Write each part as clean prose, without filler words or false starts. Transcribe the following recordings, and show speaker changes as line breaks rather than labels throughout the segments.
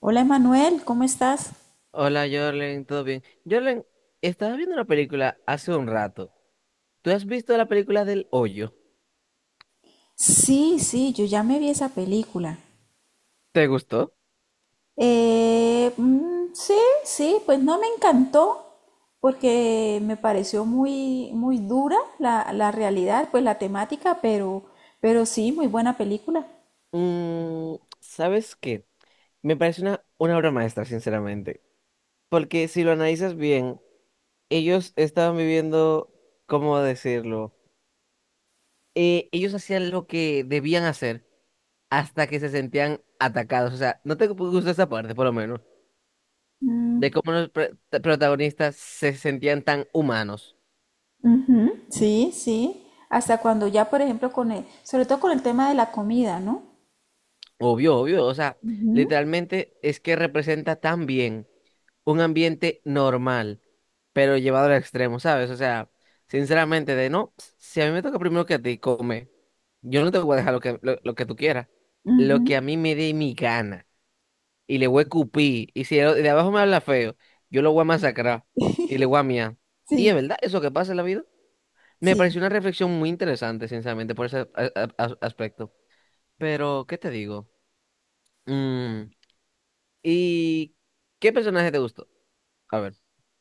Hola Emanuel, ¿cómo estás?
Hola, Jorlen, ¿todo bien? Jorlen, estaba viendo una película hace un rato. ¿Tú has visto la película del Hoyo?
Sí, sí, yo ya me vi esa película.
¿Te gustó?
Sí, sí, pues no me encantó porque me pareció muy, muy dura la realidad, pues la temática, pero sí, muy buena película.
Mm, ¿sabes qué? Me parece una obra maestra, sinceramente. Porque si lo analizas bien, ellos estaban viviendo, ¿cómo decirlo? Ellos hacían lo que debían hacer hasta que se sentían atacados. O sea, no te gusta esa parte, por lo menos, de
Mm.
cómo los protagonistas se sentían tan humanos.
Ujú, sí, sí. Hasta cuando ya, por ejemplo, sobre todo con el tema de la comida, ¿no?
Obvio, obvio, o sea,
Ujú,
literalmente es que representa tan bien un ambiente normal, pero llevado al extremo, ¿sabes? O sea, sinceramente, de no, si a mí me toca primero que a ti, come, yo no te voy a dejar lo que tú quieras, lo que a mí me dé mi gana, y le voy a cupir, y si el de abajo me habla feo, yo lo voy a masacrar, y le voy a miar. Y es
sí,
verdad, eso que pasa en la vida, me pareció
sí.
una reflexión muy interesante, sinceramente, por ese aspecto. Pero, ¿qué te digo? Mm, ¿y qué personaje te gustó? A ver,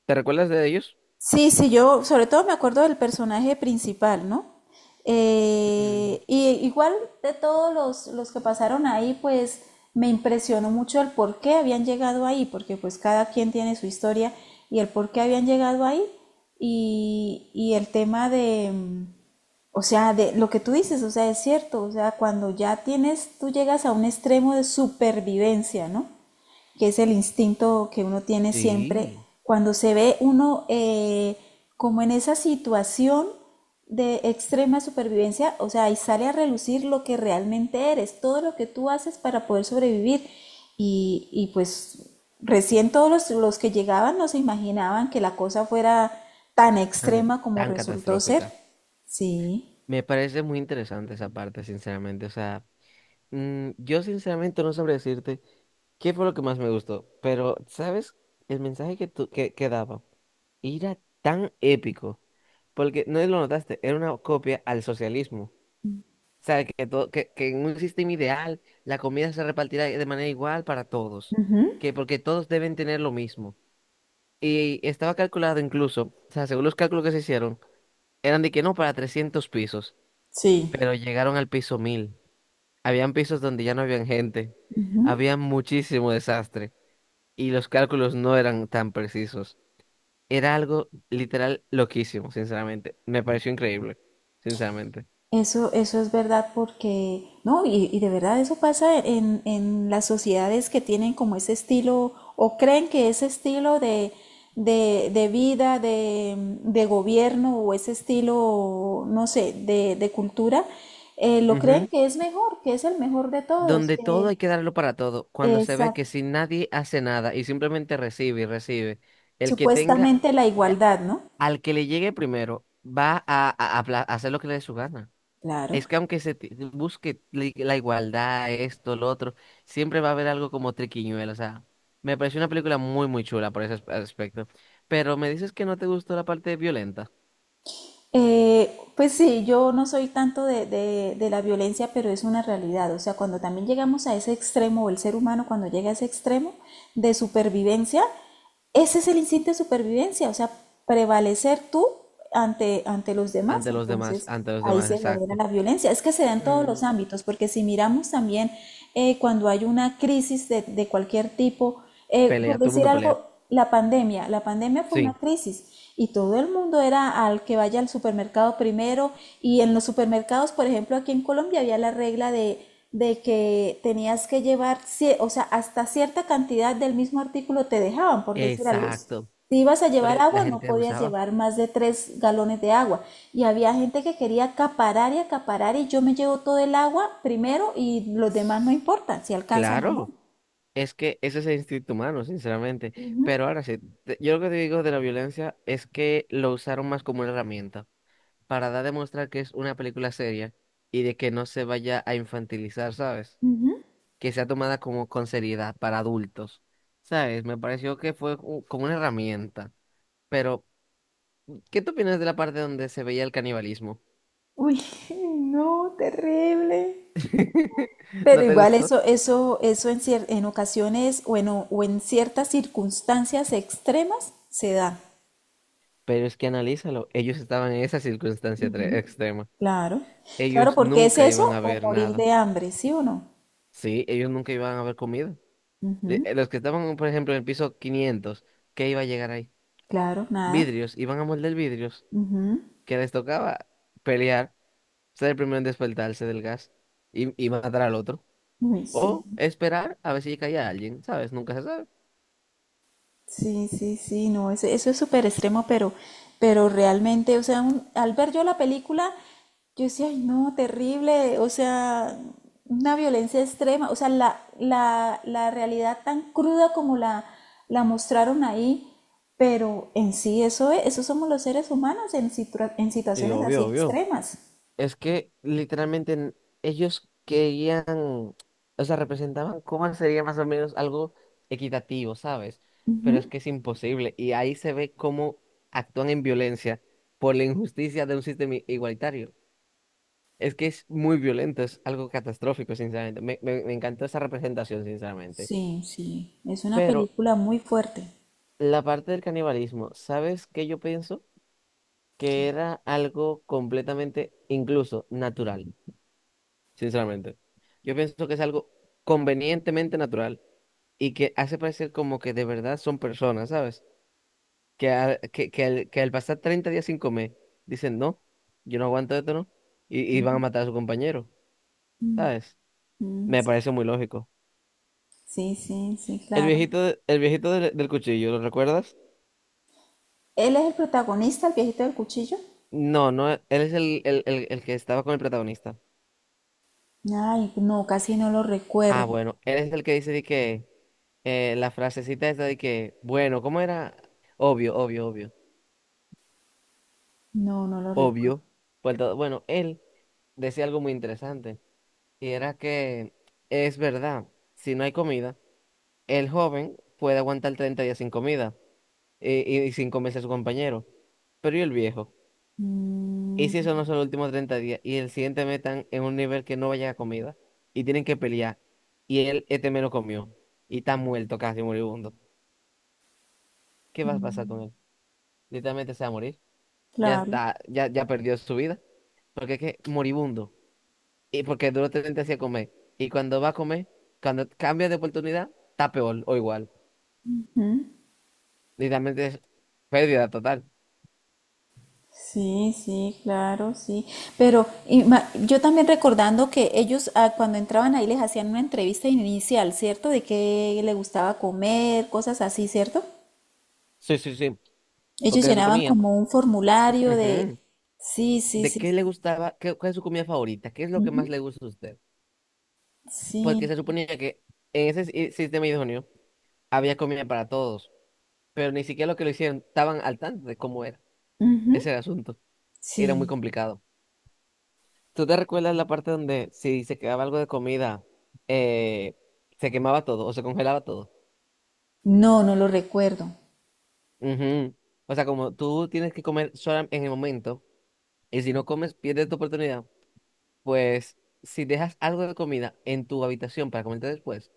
¿te recuerdas de ellos?
Sí, sí, yo sobre todo me acuerdo del personaje principal, ¿no?
Mm,
Y igual de los que pasaron ahí, pues me impresionó mucho el por qué habían llegado ahí, porque pues cada quien tiene su historia y el por qué habían llegado ahí y, y el tema de, o sea, de lo que tú dices, o sea, es cierto, o sea, cuando ya tienes, tú llegas a un extremo de supervivencia, ¿no? Que es el instinto que uno tiene siempre,
Sí,
cuando se ve uno como en esa situación de extrema supervivencia, o sea, ahí sale a relucir lo que realmente eres, todo lo que tú haces para poder sobrevivir. Y pues recién los que llegaban no se imaginaban que la cosa fuera tan
tan,
extrema como
tan
resultó ser.
catastrófica.
Sí.
Me parece muy interesante esa parte, sinceramente. O sea, mm, yo sinceramente no sabré decirte qué fue lo que más me gustó, pero ¿sabes? El mensaje que, tú, que daba era tan épico, porque no lo notaste, era una copia al socialismo. O sea, que, todo, que en un sistema ideal la comida se repartirá de manera igual para todos,
Ujú.
que porque todos deben tener lo mismo. Y estaba calculado incluso, o sea, según los cálculos que se hicieron, eran de que no para 300 pisos,
Sí.
pero llegaron al piso 1000. Habían pisos donde ya no habían gente,
Ujú.
había muchísimo desastre y los cálculos no eran tan precisos. Era algo literal loquísimo, sinceramente. Me pareció increíble, sinceramente.
Eso es verdad porque, no, y de verdad eso pasa en las sociedades que tienen como ese estilo o creen que ese estilo de vida, de gobierno o ese estilo, no sé, de cultura, lo creen
Ujú.
que es mejor, que es el mejor de todos,
Donde todo
que
hay que darlo para todo, cuando se ve
esa-
que si nadie hace nada y simplemente recibe y recibe, el que tenga...
supuestamente la igualdad, ¿no?
Al que le llegue primero va a hacer lo que le dé su gana.
Claro.
Es que aunque busque la igualdad, esto, lo otro, siempre va a haber algo como triquiñuelo. O sea, me pareció una película muy, muy chula por ese aspecto. Pero me dices que no te gustó la parte violenta.
Pues sí, yo no soy tanto de la violencia, pero es una realidad. O sea, cuando también llegamos a ese extremo, o el ser humano cuando llega a ese extremo de supervivencia, ese es el instinto de supervivencia, o sea, prevalecer tú ante, ante los demás.
Ante los demás,
Entonces,
ante los
ahí
demás,
se genera
exacto.
la violencia. Es que se da en todos
Mm,
los ámbitos, porque si miramos también cuando hay una crisis de cualquier tipo, por
Pelea, todo el
decir
mundo pelea.
algo, la pandemia fue una
Sí,
crisis y todo el mundo era al que vaya al supermercado primero y en los supermercados, por ejemplo, aquí en Colombia había la regla de que tenías que llevar, o sea, hasta cierta cantidad del mismo artículo te dejaban, por decir algo. Si
exacto.
ibas a
Lo
llevar
La
agua, no
gente
podías
abusaba.
llevar más de tres galones de agua. Y había gente que quería acaparar y acaparar y yo me llevo todo el agua primero y los demás no
S-
importan si alcanzan o no.
Claro. Es que ese es el instinto humano, sinceramente.
Ujú,
Pero ahora sí, yo lo que te digo de la violencia es que lo usaron más como una herramienta para dar a demostrar que es una película seria y de que no se vaya a infantilizar, ¿sabes?
ujú.
Que sea tomada como con seriedad para adultos, ¿sabes? Me pareció que fue como una herramienta. Pero, ¿qué te opinas de la parte donde se veía el canibalismo?
Uy, no, terrible. Pero
¿No te
igual
gustó?
eso en, en ocasiones o en ciertas circunstancias extremas se da.
Pero es que analízalo, ellos estaban en esa circunstancia extrema.
Claro, claro,
Ellos
porque es
nunca iban
eso
a
o
ver
morir
nada.
de hambre, ¿sí o no?
Sí, ellos nunca iban a haber comido.
Ujú.
Los que estaban, por ejemplo, en el piso 500, ¿qué iba a llegar ahí?
Claro, nada.
Vidrios, iban a moldear vidrios,
Ujú.
que les tocaba pelear, ser el primero en despertarse del gas y matar al otro.
Uy, sí,
O esperar a ver si caía alguien, ¿sabes? Nunca se sabe.
sí, sí, sí, no, eso es súper extremo, pero realmente, o sea, al ver yo la película, yo decía, ay, no, terrible, o sea, una violencia extrema, o sea, la realidad tan cruda como la mostraron ahí, pero en sí eso es, eso somos los seres humanos en en
Sí,
situaciones así
obvio, obvio.
extremas.
Es que literalmente ellos querían, o sea, representaban cómo sería más o menos algo equitativo, ¿sabes? Pero es que es imposible. Y ahí se ve cómo actúan en violencia por la injusticia de un sistema igualitario. Es que es muy violento, es algo catastrófico, sinceramente. Me encantó esa representación, sinceramente.
Sí, sí, es una
Pero
película muy fuerte.
la parte del canibalismo, ¿sabes qué yo pienso? Que era algo completamente, incluso, natural. Sinceramente. Yo pienso que es algo convenientemente natural y que hace parecer como que de verdad son personas, ¿sabes? Que, a- que, que al pasar 30 días sin comer, dicen, no, yo no aguanto esto, ¿no? Y van a matar a su compañero, ¿sabes?
Mm.
Me parece muy lógico.
Sí, sí, sí,
El
claro.
viejito, el viejito del cuchillo, ¿lo recuerdas?
¿Él es el protagonista, el viejito del cuchillo?
No, no, él es el que estaba con el protagonista.
Ay, no, casi no lo recuerdo.
Ah, bueno, él es el que dice de que la frasecita esta de que, bueno, ¿cómo era? Obvio, obvio, obvio.
No, no lo recuerdo.
Obvio. Pues, bueno, él decía algo muy interesante y era que es verdad, si no hay comida, el joven puede aguantar 30 días sin comida y sin comerse a su compañero, pero ¿y el viejo? ¿Y si eso
Mm.
no son los últimos 30 días y el siguiente metan en un nivel que no vaya a comida y tienen que pelear y él este menos comió y está muerto casi moribundo? ¿Qué va a pasar con él? Literalmente se va a morir. Ya
Claro.
está, ya, ya perdió su vida porque es que moribundo. Y porque duro 30 días a comer. Y cuando va a comer, cuando cambia de oportunidad, está peor o igual. Literalmente es pérdida total.
Sí, sí, claro, sí. Pero yo también recordando que ellos cuando entraban ahí les hacían una entrevista inicial, ¿cierto? De qué le gustaba comer, cosas así, ¿cierto?
Sí, sí, sí.
Ellos
Porque se
llenaban
suponía.
como un formulario de...
Ujú.
Sí, sí,
¿De
sí,
qué
sí.
le gustaba? ¿Cuál es su comida favorita? ¿Qué es lo que más le gusta a usted? Porque
Sí,
se suponía que en ese sistema idóneo había comida para todos. Pero ni siquiera lo que lo hicieron estaban al tanto de cómo era.
ujú,
Ese era el asunto. Era muy
sí.
complicado. ¿Tú te recuerdas la parte donde si se quedaba algo de comida, eh, se quemaba todo o se congelaba todo?
No, no lo recuerdo.
Ujú. O sea, como tú tienes que comer sola en el momento, y si no comes, pierdes tu oportunidad, pues si dejas algo de comida en tu habitación para comerte después,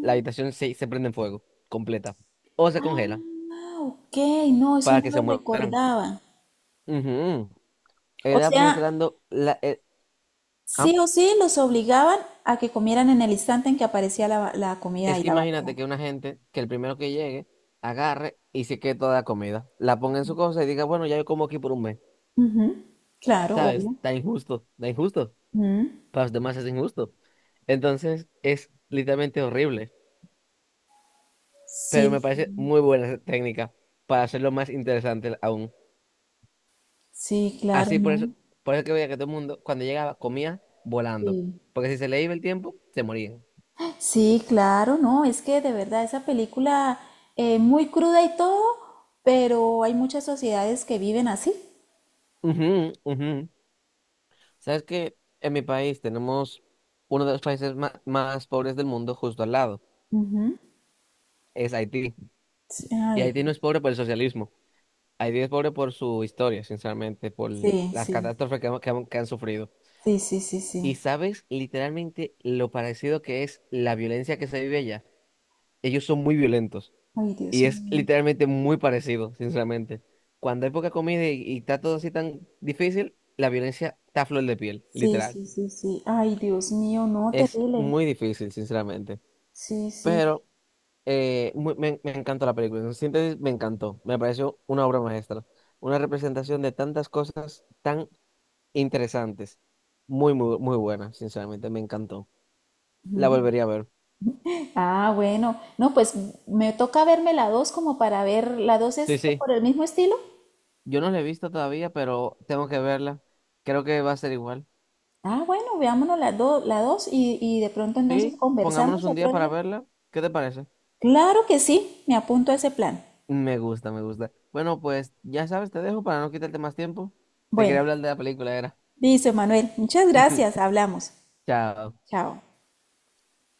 la habitación se, se prende en fuego, completa, o se congela
Ah, ok, no, eso
para
no
que se
lo
mueran.
recordaba.
Ujú.
O
Era
sea,
mostrando la... ah,
sí o sí los obligaban a que comieran en el instante en que aparecía la comida
es
y
que
la
imagínate
bandeja.
que una gente, que el primero que llegue, agarre y se quede toda la comida, la ponga en su cosa y diga, bueno, ya yo como aquí por un mes,
Ujú. Claro,
¿sabes?
obvio.
Está injusto, está injusto.
Mm.
Para los demás es injusto. Entonces es literalmente horrible, pero
Sí,
me parece muy buena esa técnica para hacerlo más interesante aún.
sí, claro,
Así
no.
por eso que veía que todo el mundo cuando llegaba comía volando,
Sí.
porque si se le iba el tiempo, se moría.
Sí, claro, no, es que de verdad esa película, muy cruda y todo, pero hay muchas sociedades que viven así.
Ujú, ujú. ¿Sabes que en mi país tenemos uno de los países más pobres del mundo justo al lado, es Haití?
Sí,
Y
ay,
Haití no
Dios.
es pobre por el socialismo, Haití es pobre por su historia, sinceramente, por
Sí,
las
sí,
catástrofes que, que han sufrido.
sí, sí, sí,
Y
sí.
sabes literalmente lo parecido que es la violencia que se vive allá. Ellos son muy violentos
Ay, Dios
y es
mío.
literalmente muy parecido, sinceramente. Cuando hay poca comida y está todo así tan difícil, la violencia está a flor de piel,
Sí,
literal.
sí, sí, sí. Ay, Dios mío, no,
Es
terrible.
muy difícil, sinceramente.
Sí, sí.
Pero me encantó la película. En síntesis, me encantó. Me pareció una obra maestra. Una representación de tantas cosas tan interesantes. Muy, muy, muy buena, sinceramente. Me encantó. La volvería a ver.
Ah, bueno. No, pues me toca verme la 2 como para ver, ¿la 2
Sí,
es
sí.
por el mismo estilo?
Yo no la he visto todavía, pero tengo que verla. Creo que va a ser igual.
Ah, bueno, veámonos la 2, y de pronto entonces
Sí, pongámonos
conversamos
un día
otro día.
para verla. ¿Qué te parece?
Claro que sí, me apunto a ese plan.
Me gusta, me gusta. Bueno, pues ya sabes, te dejo para no quitarte más tiempo. Te quería
Bueno,
hablar de la película, era.
listo, Manuel. Muchas gracias, hablamos.
Chao.
Chao.